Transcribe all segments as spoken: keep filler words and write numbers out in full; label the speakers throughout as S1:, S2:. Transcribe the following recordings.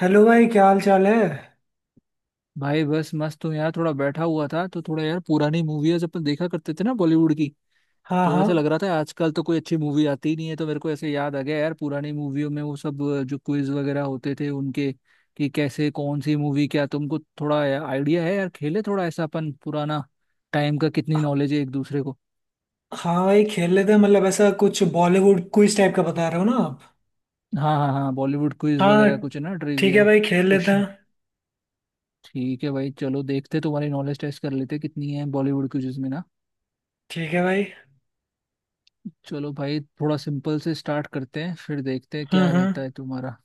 S1: Hello भाई, क्या हाल चाल है।
S2: भाई बस मस्त हूँ यार। थोड़ा बैठा हुआ था तो थोड़ा यार पुरानी मूवीज अपन देखा करते थे ना बॉलीवुड की।
S1: हाँ
S2: तो
S1: हाँ।
S2: ऐसा लग रहा था आजकल तो कोई अच्छी मूवी आती ही नहीं है। तो मेरे को ऐसे याद आ गया यार, पुरानी मूवियों में वो सब अ, जो क्विज वगैरह होते थे उनके, कि कैसे कौन सी मूवी, क्या तुमको थोड़ा आइडिया है यार? खेले थोड़ा ऐसा अपन पुराना टाइम का, कितनी नॉलेज है एक दूसरे को।
S1: हाँ भाई, खेल लेते हैं। मतलब ऐसा कुछ बॉलीवुड क्विज टाइप का बता रहे हो ना आप।
S2: हाँ हाँ हाँ, बॉलीवुड क्विज
S1: हाँ।
S2: वगैरह कुछ है ना,
S1: ठीक है
S2: ट्रिविया
S1: भाई, खेल लेते हैं।
S2: क्वेश्चन। ठीक है भाई, चलो देखते तुम्हारी नॉलेज टेस्ट कर लेते कितनी है बॉलीवुड क्विज में ना।
S1: ठीक है भाई।
S2: चलो भाई थोड़ा सिंपल से स्टार्ट करते हैं, फिर देखते हैं
S1: हम्म
S2: क्या
S1: हम्म।
S2: रहता है तुम्हारा।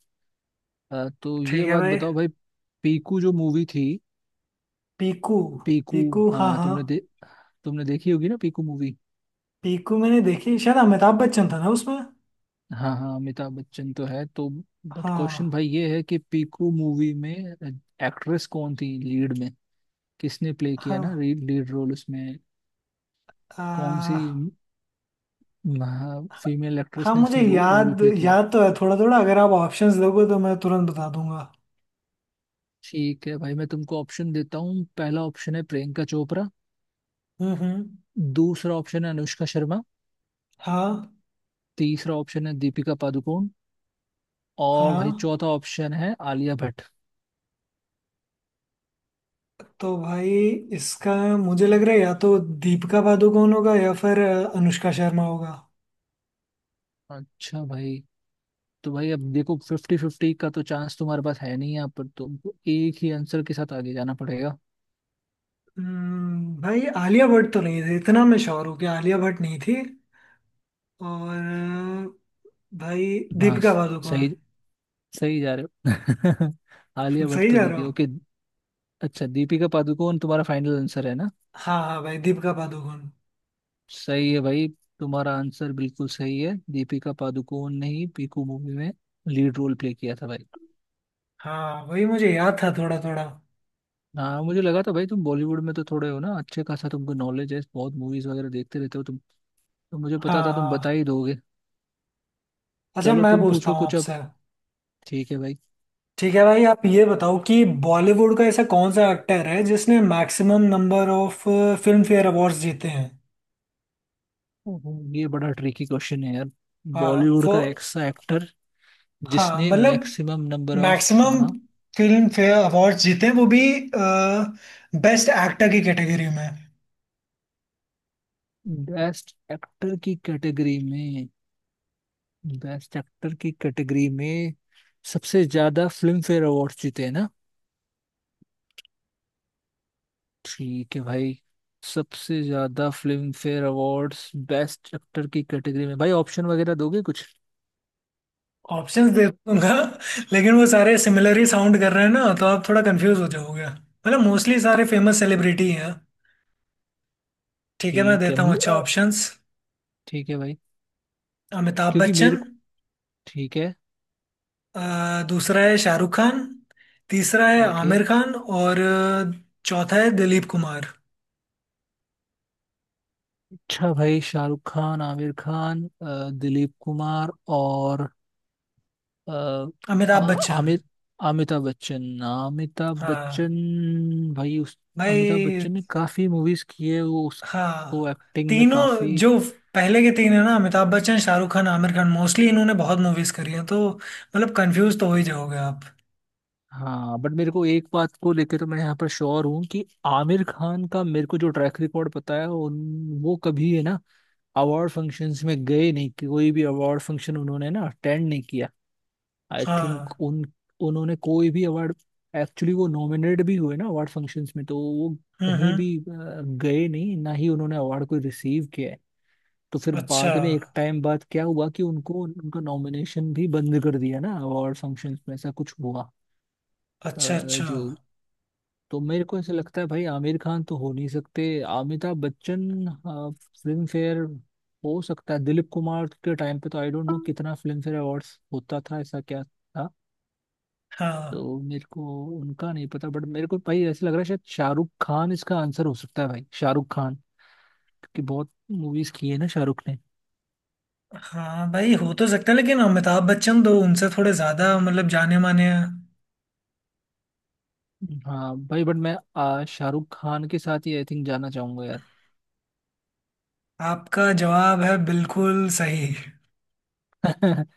S2: अ, तो ये
S1: ठीक है
S2: बात
S1: भाई।
S2: बताओ भाई। पीकू जो मूवी थी,
S1: पीकू।
S2: पीकू।
S1: पीकू हाँ
S2: हाँ,
S1: हाँ।
S2: तुमने दे, तुमने देखी होगी ना पीकू मूवी।
S1: पीकू मैंने देखी, शायद अमिताभ बच्चन था ना उसमें।
S2: हाँ हाँ अमिताभ बच्चन तो है तो। बट क्वेश्चन
S1: हाँ
S2: भाई ये है कि पीकू मूवी में एक्ट्रेस कौन थी लीड में, किसने प्ले किया ना
S1: हाँ।
S2: लीड रोल उसमें? कौन सी
S1: आ,
S2: फीमेल एक्ट्रेस
S1: हाँ,
S2: ने
S1: मुझे
S2: उसमें रो, रोल
S1: याद
S2: प्ले किया है?
S1: याद तो है थोड़ा थोड़ा। अगर आप ऑप्शंस दोगे तो मैं तुरंत बता दूंगा।
S2: ठीक है भाई, मैं तुमको ऑप्शन देता हूँ। पहला ऑप्शन है प्रियंका चोपड़ा।
S1: हम्म हम्म।
S2: दूसरा ऑप्शन है अनुष्का शर्मा।
S1: हाँ
S2: तीसरा ऑप्शन है दीपिका पादुकोण। और
S1: हाँ।
S2: भाई चौथा ऑप्शन है आलिया भट्ट।
S1: तो भाई, इसका मुझे लग रहा है या तो दीपिका पादुकोण होगा या फिर अ, अनुष्का शर्मा होगा।
S2: अच्छा भाई, तो भाई अब देखो फिफ्टी फिफ्टी का तो चांस तुम्हारे पास है नहीं, यहाँ पर तुमको एक ही आंसर के साथ आगे जाना पड़ेगा।
S1: हम्म, भाई आलिया भट्ट तो नहीं थी, इतना मैं श्योर हूँ कि आलिया भट्ट नहीं थी। और अ, भाई
S2: हाँ
S1: दीपिका पादुकोण।
S2: सही, सही जा रहे हो। आलिया भट्ट
S1: सही
S2: तो
S1: जा
S2: नहीं
S1: रहा
S2: थी,
S1: हूँ।
S2: ओके। अच्छा, दीपिका पादुकोण तुम्हारा फाइनल आंसर है ना?
S1: हाँ हाँ भाई, दीपिका पादुकोण।
S2: सही है भाई, तुम्हारा आंसर बिल्कुल सही है। दीपिका पादुकोण ने ही पीकू मूवी में लीड रोल प्ले किया था भाई।
S1: हाँ वही मुझे याद था थोड़ा थोड़ा।
S2: हाँ मुझे लगा था भाई तुम बॉलीवुड में तो थोड़े हो ना अच्छे खासा, तुमको नॉलेज है, बहुत मूवीज वगैरह देखते रहते हो तुम, तो मुझे
S1: हाँ
S2: पता था तुम बता
S1: हाँ।
S2: ही दोगे।
S1: अच्छा,
S2: चलो
S1: मैं
S2: तुम
S1: पूछता
S2: पूछो
S1: हूँ
S2: कुछ अब,
S1: आपसे।
S2: ठीक है भाई।
S1: ठीक है भाई, आप ये बताओ कि बॉलीवुड का ऐसा कौन सा एक्टर है जिसने maximum number of Filmfare awards जीते हैं।
S2: ओहो, ये बड़ा ट्रिकी क्वेश्चन है यार।
S1: हाँ
S2: बॉलीवुड का ऐसा एक्टर
S1: हाँ,
S2: जिसने
S1: मतलब
S2: मैक्सिमम नंबर ऑफ, हाँ
S1: मैक्सिमम
S2: हाँ,
S1: फिल्म फेयर अवार्ड जीते हैं वो भी बेस्ट एक्टर की कैटेगरी में।
S2: बेस्ट एक्टर की कैटेगरी में, बेस्ट एक्टर की कैटेगरी में सबसे ज्यादा फिल्म फेयर अवार्ड जीते हैं ना। ठीक है भाई, सबसे ज्यादा Filmfare awards best actor की कैटेगरी में। भाई ऑप्शन वगैरह दोगे कुछ?
S1: ऑप्शंस दे दूंगा। लेकिन वो सारे सिमिलर ही साउंड कर रहे हैं ना, तो आप थोड़ा कंफ्यूज हो जाओगे, मतलब मोस्टली सारे फेमस सेलिब्रिटी हैं। ठीक है, मैं
S2: ठीक है
S1: देता हूँ
S2: म-
S1: अच्छा
S2: अ,
S1: ऑप्शंस।
S2: ठीक है भाई।
S1: अमिताभ
S2: क्योंकि मेरे
S1: बच्चन।
S2: को, ठीक है,
S1: अ, दूसरा है शाहरुख खान। तीसरा है
S2: ओके।
S1: आमिर खान, और अ, चौथा है दिलीप कुमार।
S2: अच्छा भाई, शाहरुख खान, आमिर खान, अ, दिलीप कुमार और अ,
S1: अमिताभ
S2: आ-
S1: बच्चन।
S2: आमिर, अमिताभ बच्चन, अमिताभ बच्चन।
S1: हाँ
S2: भाई उस अमिताभ
S1: भाई।
S2: बच्चन ने काफी मूवीज की है, वो उसको
S1: हाँ,
S2: एक्टिंग में काफी।
S1: तीनों जो पहले के तीन है ना, अमिताभ बच्चन शाहरुख खान आमिर खान, मोस्टली इन्होंने बहुत मूवीज करी हैं, तो मतलब कंफ्यूज तो हो ही जाओगे आप।
S2: हाँ बट मेरे को एक बात को लेके तो मैं यहाँ पर श्योर हूँ कि आमिर खान का, मेरे को जो ट्रैक रिकॉर्ड पता है उन, वो कभी है ना अवार्ड फंक्शंस में गए नहीं, कि कोई भी अवार्ड फंक्शन उन्होंने ना अटेंड नहीं किया। आई थिंक
S1: हाँ।
S2: उन, उन्होंने कोई भी अवार्ड, एक्चुअली वो नॉमिनेट भी हुए ना अवार्ड फंक्शंस में, तो वो
S1: हम्म
S2: कहीं
S1: हम्म।
S2: भी अ, गए नहीं, ना ही उन्होंने अवार्ड कोई रिसीव किया है। तो फिर
S1: अच्छा
S2: बाद में एक टाइम बाद क्या हुआ कि उनको उनका नॉमिनेशन भी बंद कर दिया ना अवार्ड फंक्शंस में, ऐसा कुछ हुआ। अ,
S1: अच्छा अच्छा।
S2: जो, तो मेरे को ऐसा लगता है भाई आमिर खान तो हो नहीं सकते। अमिताभ बच्चन आ, फिल्म फेयर, हो सकता है दिलीप कुमार के टाइम पे तो आई डोंट नो कितना फिल्म फेयर अवार्ड्स होता था, ऐसा क्या था।
S1: हाँ
S2: तो मेरे को उनका नहीं पता, बट मेरे को भाई ऐसा लग रहा है शायद शाहरुख खान इसका आंसर हो सकता है भाई, शाहरुख खान, क्योंकि बहुत मूवीज की है ना शाहरुख ने।
S1: हाँ भाई, हो तो सकता है लेकिन अमिताभ बच्चन तो उनसे थोड़े ज्यादा मतलब जाने माने हैं।
S2: हाँ भाई बट मैं आ, शाहरुख खान के साथ ही आई थिंक जाना चाहूंगा यार।
S1: आपका जवाब है बिल्कुल सही।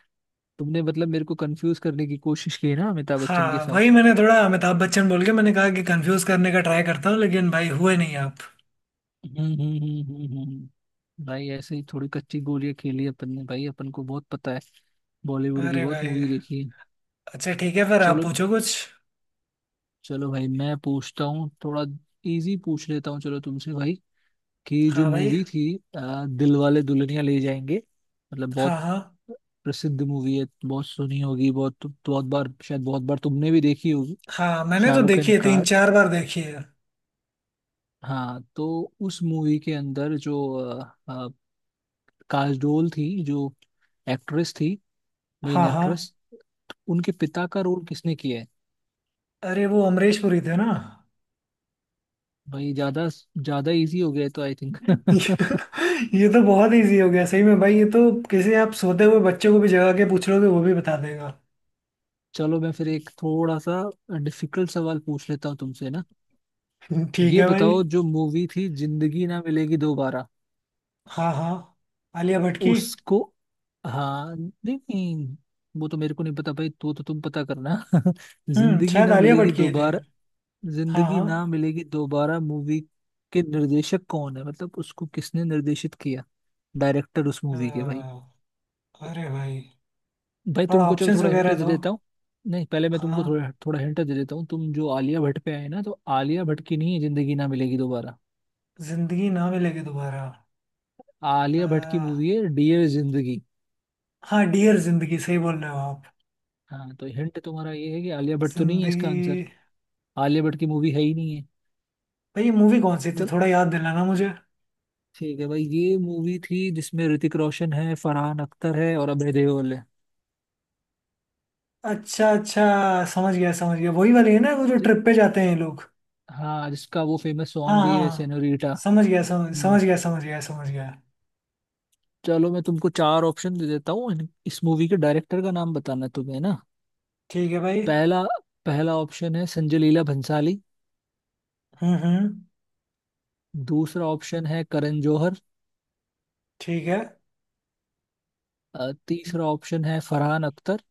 S2: तुमने मतलब मेरे को कंफ्यूज करने की कोशिश की है ना अमिताभ बच्चन के
S1: हाँ वही,
S2: साथ।
S1: मैंने थोड़ा अमिताभ बच्चन बोल के मैंने कहा कि कंफ्यूज करने का ट्राई करता हूँ, लेकिन भाई हुए नहीं आप।
S2: हम्म हम्म, हम्म, हम्म, हम्म। भाई ऐसे ही थोड़ी कच्ची गोलियां खेली अपन ने, भाई अपन को बहुत पता है, बॉलीवुड की
S1: अरे
S2: बहुत
S1: भाई।
S2: मूवी देखी है।
S1: अच्छा ठीक है, फिर आप
S2: चलो,
S1: पूछो कुछ।
S2: चलो भाई मैं पूछता हूँ थोड़ा। इजी पूछ लेता हूँ चलो तुमसे भाई। कि जो
S1: हाँ भाई।
S2: मूवी थी आ, दिल वाले दुल्हनिया ले जाएंगे, मतलब
S1: हाँ
S2: बहुत
S1: हाँ।
S2: प्रसिद्ध मूवी है, बहुत सुनी होगी, बहुत बहुत बार शायद, बहुत बार तुमने भी देखी होगी।
S1: हाँ मैंने तो
S2: शाहरुख
S1: देखी
S2: खान
S1: है,
S2: का।
S1: तीन चार बार देखी है।
S2: हाँ तो उस मूवी के अंदर जो अ, अ, काजोल थी जो एक्ट्रेस थी, मेन
S1: हाँ हाँ।
S2: एक्ट्रेस, उनके पिता का रोल किसने किया है?
S1: अरे वो अमरीश पुरी थे ना।
S2: भाई ज्यादा, ज्यादा इजी हो गया है तो आई थिंक।
S1: ये तो बहुत इजी हो गया, सही में भाई, ये तो किसी आप सोते हुए बच्चे को भी जगा के पूछ लोगे वो भी बता देगा।
S2: चलो मैं फिर एक थोड़ा सा डिफिकल्ट सवाल पूछ लेता हूँ तुमसे ना।
S1: ठीक
S2: ये
S1: है भाई।
S2: बताओ जो मूवी थी जिंदगी ना मिलेगी दोबारा,
S1: हाँ हाँ। आलिया भट्ट की।
S2: उसको, हाँ नहीं नहीं, वो तो मेरे को नहीं पता भाई, तो तो तुम पता करना।
S1: हम्म,
S2: जिंदगी
S1: शायद
S2: ना
S1: आलिया भट्ट
S2: मिलेगी
S1: की ही थे।
S2: दोबारा,
S1: हाँ
S2: जिंदगी
S1: हाँ।
S2: ना मिलेगी दोबारा मूवी के निर्देशक कौन है, मतलब उसको किसने निर्देशित किया, डायरेक्टर उस मूवी के भाई?
S1: अ, अरे भाई,
S2: भाई
S1: थोड़ा
S2: तुमको चलो
S1: ऑप्शंस
S2: थोड़ा हिंट
S1: वगैरह
S2: दे
S1: दो।
S2: देता हूँ, नहीं पहले मैं
S1: हाँ।
S2: तुमको थोड़ा थोड़ा हिंट दे देता हूँ। तुम जो आलिया भट्ट पे आए ना, तो आलिया भट्ट की नहीं है जिंदगी ना मिलेगी दोबारा।
S1: जिंदगी ना मिलेगी दोबारा।
S2: आलिया भट्ट की
S1: अ,
S2: मूवी है डियर जिंदगी।
S1: हाँ, डियर जिंदगी सही बोल रहे हो आप।
S2: हाँ तो हिंट तुम्हारा ये है कि आलिया भट्ट तो नहीं है इसका आंसर।
S1: जिंदगी।
S2: आलिया भट्ट की मूवी है ही नहीं है।
S1: भाई ये मूवी कौन सी थी,
S2: चलो
S1: थोड़ा याद दिलाना मुझे।
S2: ठीक है भाई, ये मूवी थी जिसमें ऋतिक रोशन है, फरहान अख्तर है और अभय देओल है।
S1: अच्छा अच्छा, समझ गया समझ गया। वही वाली है ना वो, जो
S2: जि-
S1: ट्रिप पे जाते हैं ये लोग।
S2: हाँ जिसका वो फेमस
S1: हाँ
S2: सॉन्ग भी
S1: हाँ
S2: है
S1: हाँ,
S2: सेनोरीटा।
S1: समझ गया समझ
S2: हम्म,
S1: समझ गया समझ गया समझ गया।
S2: चलो मैं तुमको चार ऑप्शन दे देता हूँ, इन- इस मूवी के डायरेक्टर का नाम बताना है तुम्हें ना।
S1: ठीक है भाई।
S2: पहला पहला ऑप्शन है संजय लीला भंसाली।
S1: हम्म हम्म।
S2: दूसरा ऑप्शन है करण जौहर।
S1: ठीक है
S2: अ, तीसरा ऑप्शन है फरहान अख्तर।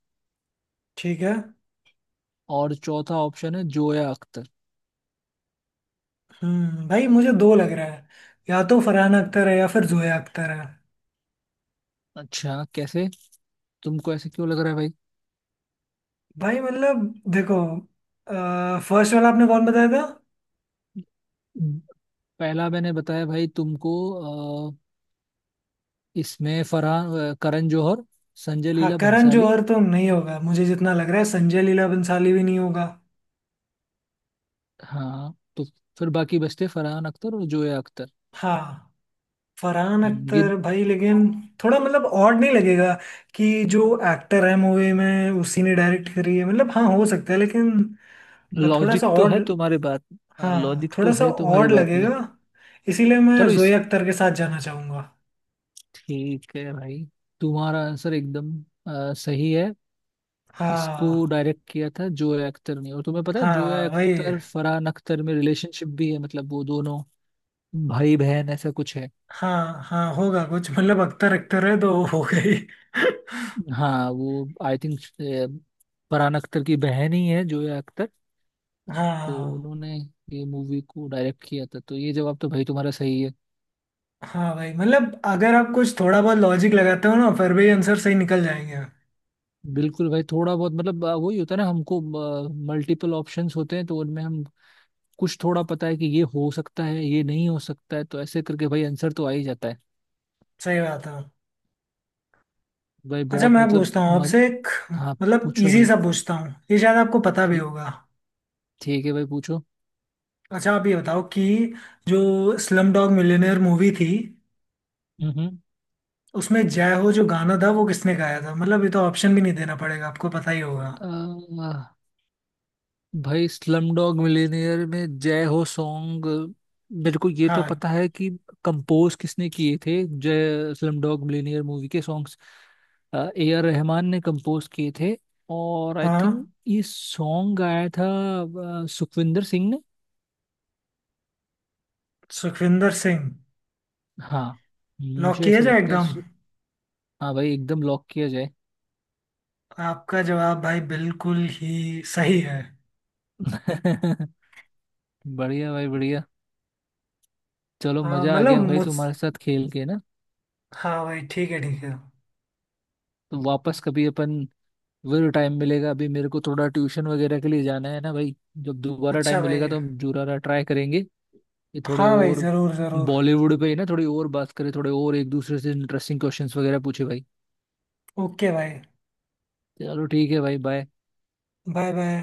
S1: ठीक है।
S2: और चौथा ऑप्शन है जोया अख्तर।
S1: हम्म, भाई मुझे दो लग रहा है, या तो फरहान अख्तर है या फिर जोया अख्तर है।
S2: अच्छा कैसे, तुमको ऐसे क्यों लग रहा है भाई?
S1: भाई मतलब देखो, फर्स्ट वाला आपने कौन बताया था।
S2: पहला मैंने बताया भाई तुमको, अ, इसमें फरहान, अ, करण जौहर, संजय
S1: हाँ,
S2: लीला
S1: करण
S2: भंसाली।
S1: जौहर तो नहीं होगा, मुझे जितना लग रहा है संजय लीला भंसाली भी नहीं होगा।
S2: हाँ तो फिर बाकी बचते फरहान अख्तर और जोया अख्तर।
S1: हाँ। फरहान
S2: हम्म, ये
S1: अख्तर भाई, लेकिन थोड़ा मतलब ऑड नहीं लगेगा कि जो एक्टर है मूवी में उसी ने डायरेक्ट करी है, मतलब हाँ हो सकता है लेकिन थोड़ा
S2: लॉजिक
S1: सा
S2: तो है
S1: ऑड।
S2: तुम्हारे बात। हाँ
S1: हाँ,
S2: लॉजिक
S1: थोड़ा
S2: तो
S1: सा
S2: है तुम्हारी
S1: ऑड
S2: बात में।
S1: लगेगा, इसीलिए मैं
S2: चलो इस,
S1: जोया अख्तर के साथ जाना चाहूंगा।
S2: ठीक है भाई, तुम्हारा आंसर एकदम अ, सही है। इसको
S1: हाँ।
S2: डायरेक्ट किया था जोया अख्तर ने। और तुम्हें पता है जोया
S1: हाँ वही।
S2: अख्तर फरहान अख्तर में रिलेशनशिप भी है, मतलब वो दोनों भाई बहन ऐसा कुछ है।
S1: हाँ हाँ होगा कुछ, मतलब अख्तर अख्तर है तो हो गई।
S2: हाँ वो आई थिंक फरहान अख्तर की बहन ही है जोया अख्तर। तो
S1: हाँ।
S2: उन्होंने ये मूवी को डायरेक्ट किया था, तो ये जवाब तो भाई तुम्हारा सही है।
S1: हाँ भाई, मतलब अगर आप कुछ थोड़ा बहुत लॉजिक लगाते हो ना, फिर भी आंसर सही निकल जाएंगे।
S2: बिल्कुल भाई थोड़ा बहुत मतलब अ, वही होता है ना हमको, मल्टीपल ऑप्शंस होते हैं तो उनमें हम कुछ थोड़ा पता है कि ये हो सकता है ये नहीं हो सकता है, तो ऐसे करके भाई आंसर तो आ ही जाता है।
S1: सही बात है।
S2: भाई
S1: अच्छा
S2: बहुत
S1: मैं
S2: मतलब
S1: पूछता हूँ
S2: मज...
S1: आपसे एक,
S2: हाँ
S1: मतलब
S2: पूछो
S1: इजी
S2: भाई।
S1: सा पूछता हूँ, ये शायद आपको पता भी
S2: ठीक,
S1: होगा।
S2: ठीक है भाई पूछो।
S1: अच्छा आप ये बताओ कि जो स्लम डॉग मिलियनेयर मूवी थी
S2: हम्म हम्म।
S1: उसमें जय हो जो गाना था वो किसने गाया था, मतलब ये तो ऑप्शन भी नहीं देना पड़ेगा, आपको पता ही होगा।
S2: अ, भाई स्लम डॉग मिलियनेयर में जय हो सॉन्ग, मेरे को ये तो
S1: हाँ।
S2: पता है कि कंपोज किसने किए थे। Jai Slumdog Millionaire movie के सॉन्ग्स ए आर रहमान ने कंपोज किए थे। और आई
S1: हाँ,
S2: थिंक ये सॉन्ग गाया था अ, सुखविंदर सिंह ने।
S1: सुखविंदर सिंह।
S2: हाँ
S1: लॉक
S2: मुझे
S1: किया
S2: ऐसे
S1: जाए
S2: लगता है।
S1: एकदम।
S2: हाँ भाई एकदम लॉक किया जाए।
S1: आपका जवाब भाई बिल्कुल ही सही है।
S2: बढ़िया भाई बढ़िया। चलो
S1: हाँ
S2: मजा आ
S1: मतलब
S2: गया भाई
S1: मुझ।
S2: तुम्हारे साथ खेल के ना।
S1: हाँ भाई ठीक है ठीक है।
S2: तो वापस कभी अपन, जरूर टाइम मिलेगा, अभी मेरे को थोड़ा ट्यूशन वगैरह के लिए जाना है ना भाई। जब दोबारा
S1: अच्छा
S2: टाइम मिलेगा
S1: भाई।
S2: तो हम जुरारा ट्राई करेंगे कि थोड़े
S1: हाँ भाई
S2: और
S1: ज़रूर ज़रूर।
S2: बॉलीवुड पे ही ना थोड़ी और बात करें, थोड़े और एक दूसरे से इंटरेस्टिंग क्वेश्चंस वगैरह पूछे भाई।
S1: ओके भाई।
S2: चलो ठीक है भाई, बाय।
S1: Bye bye.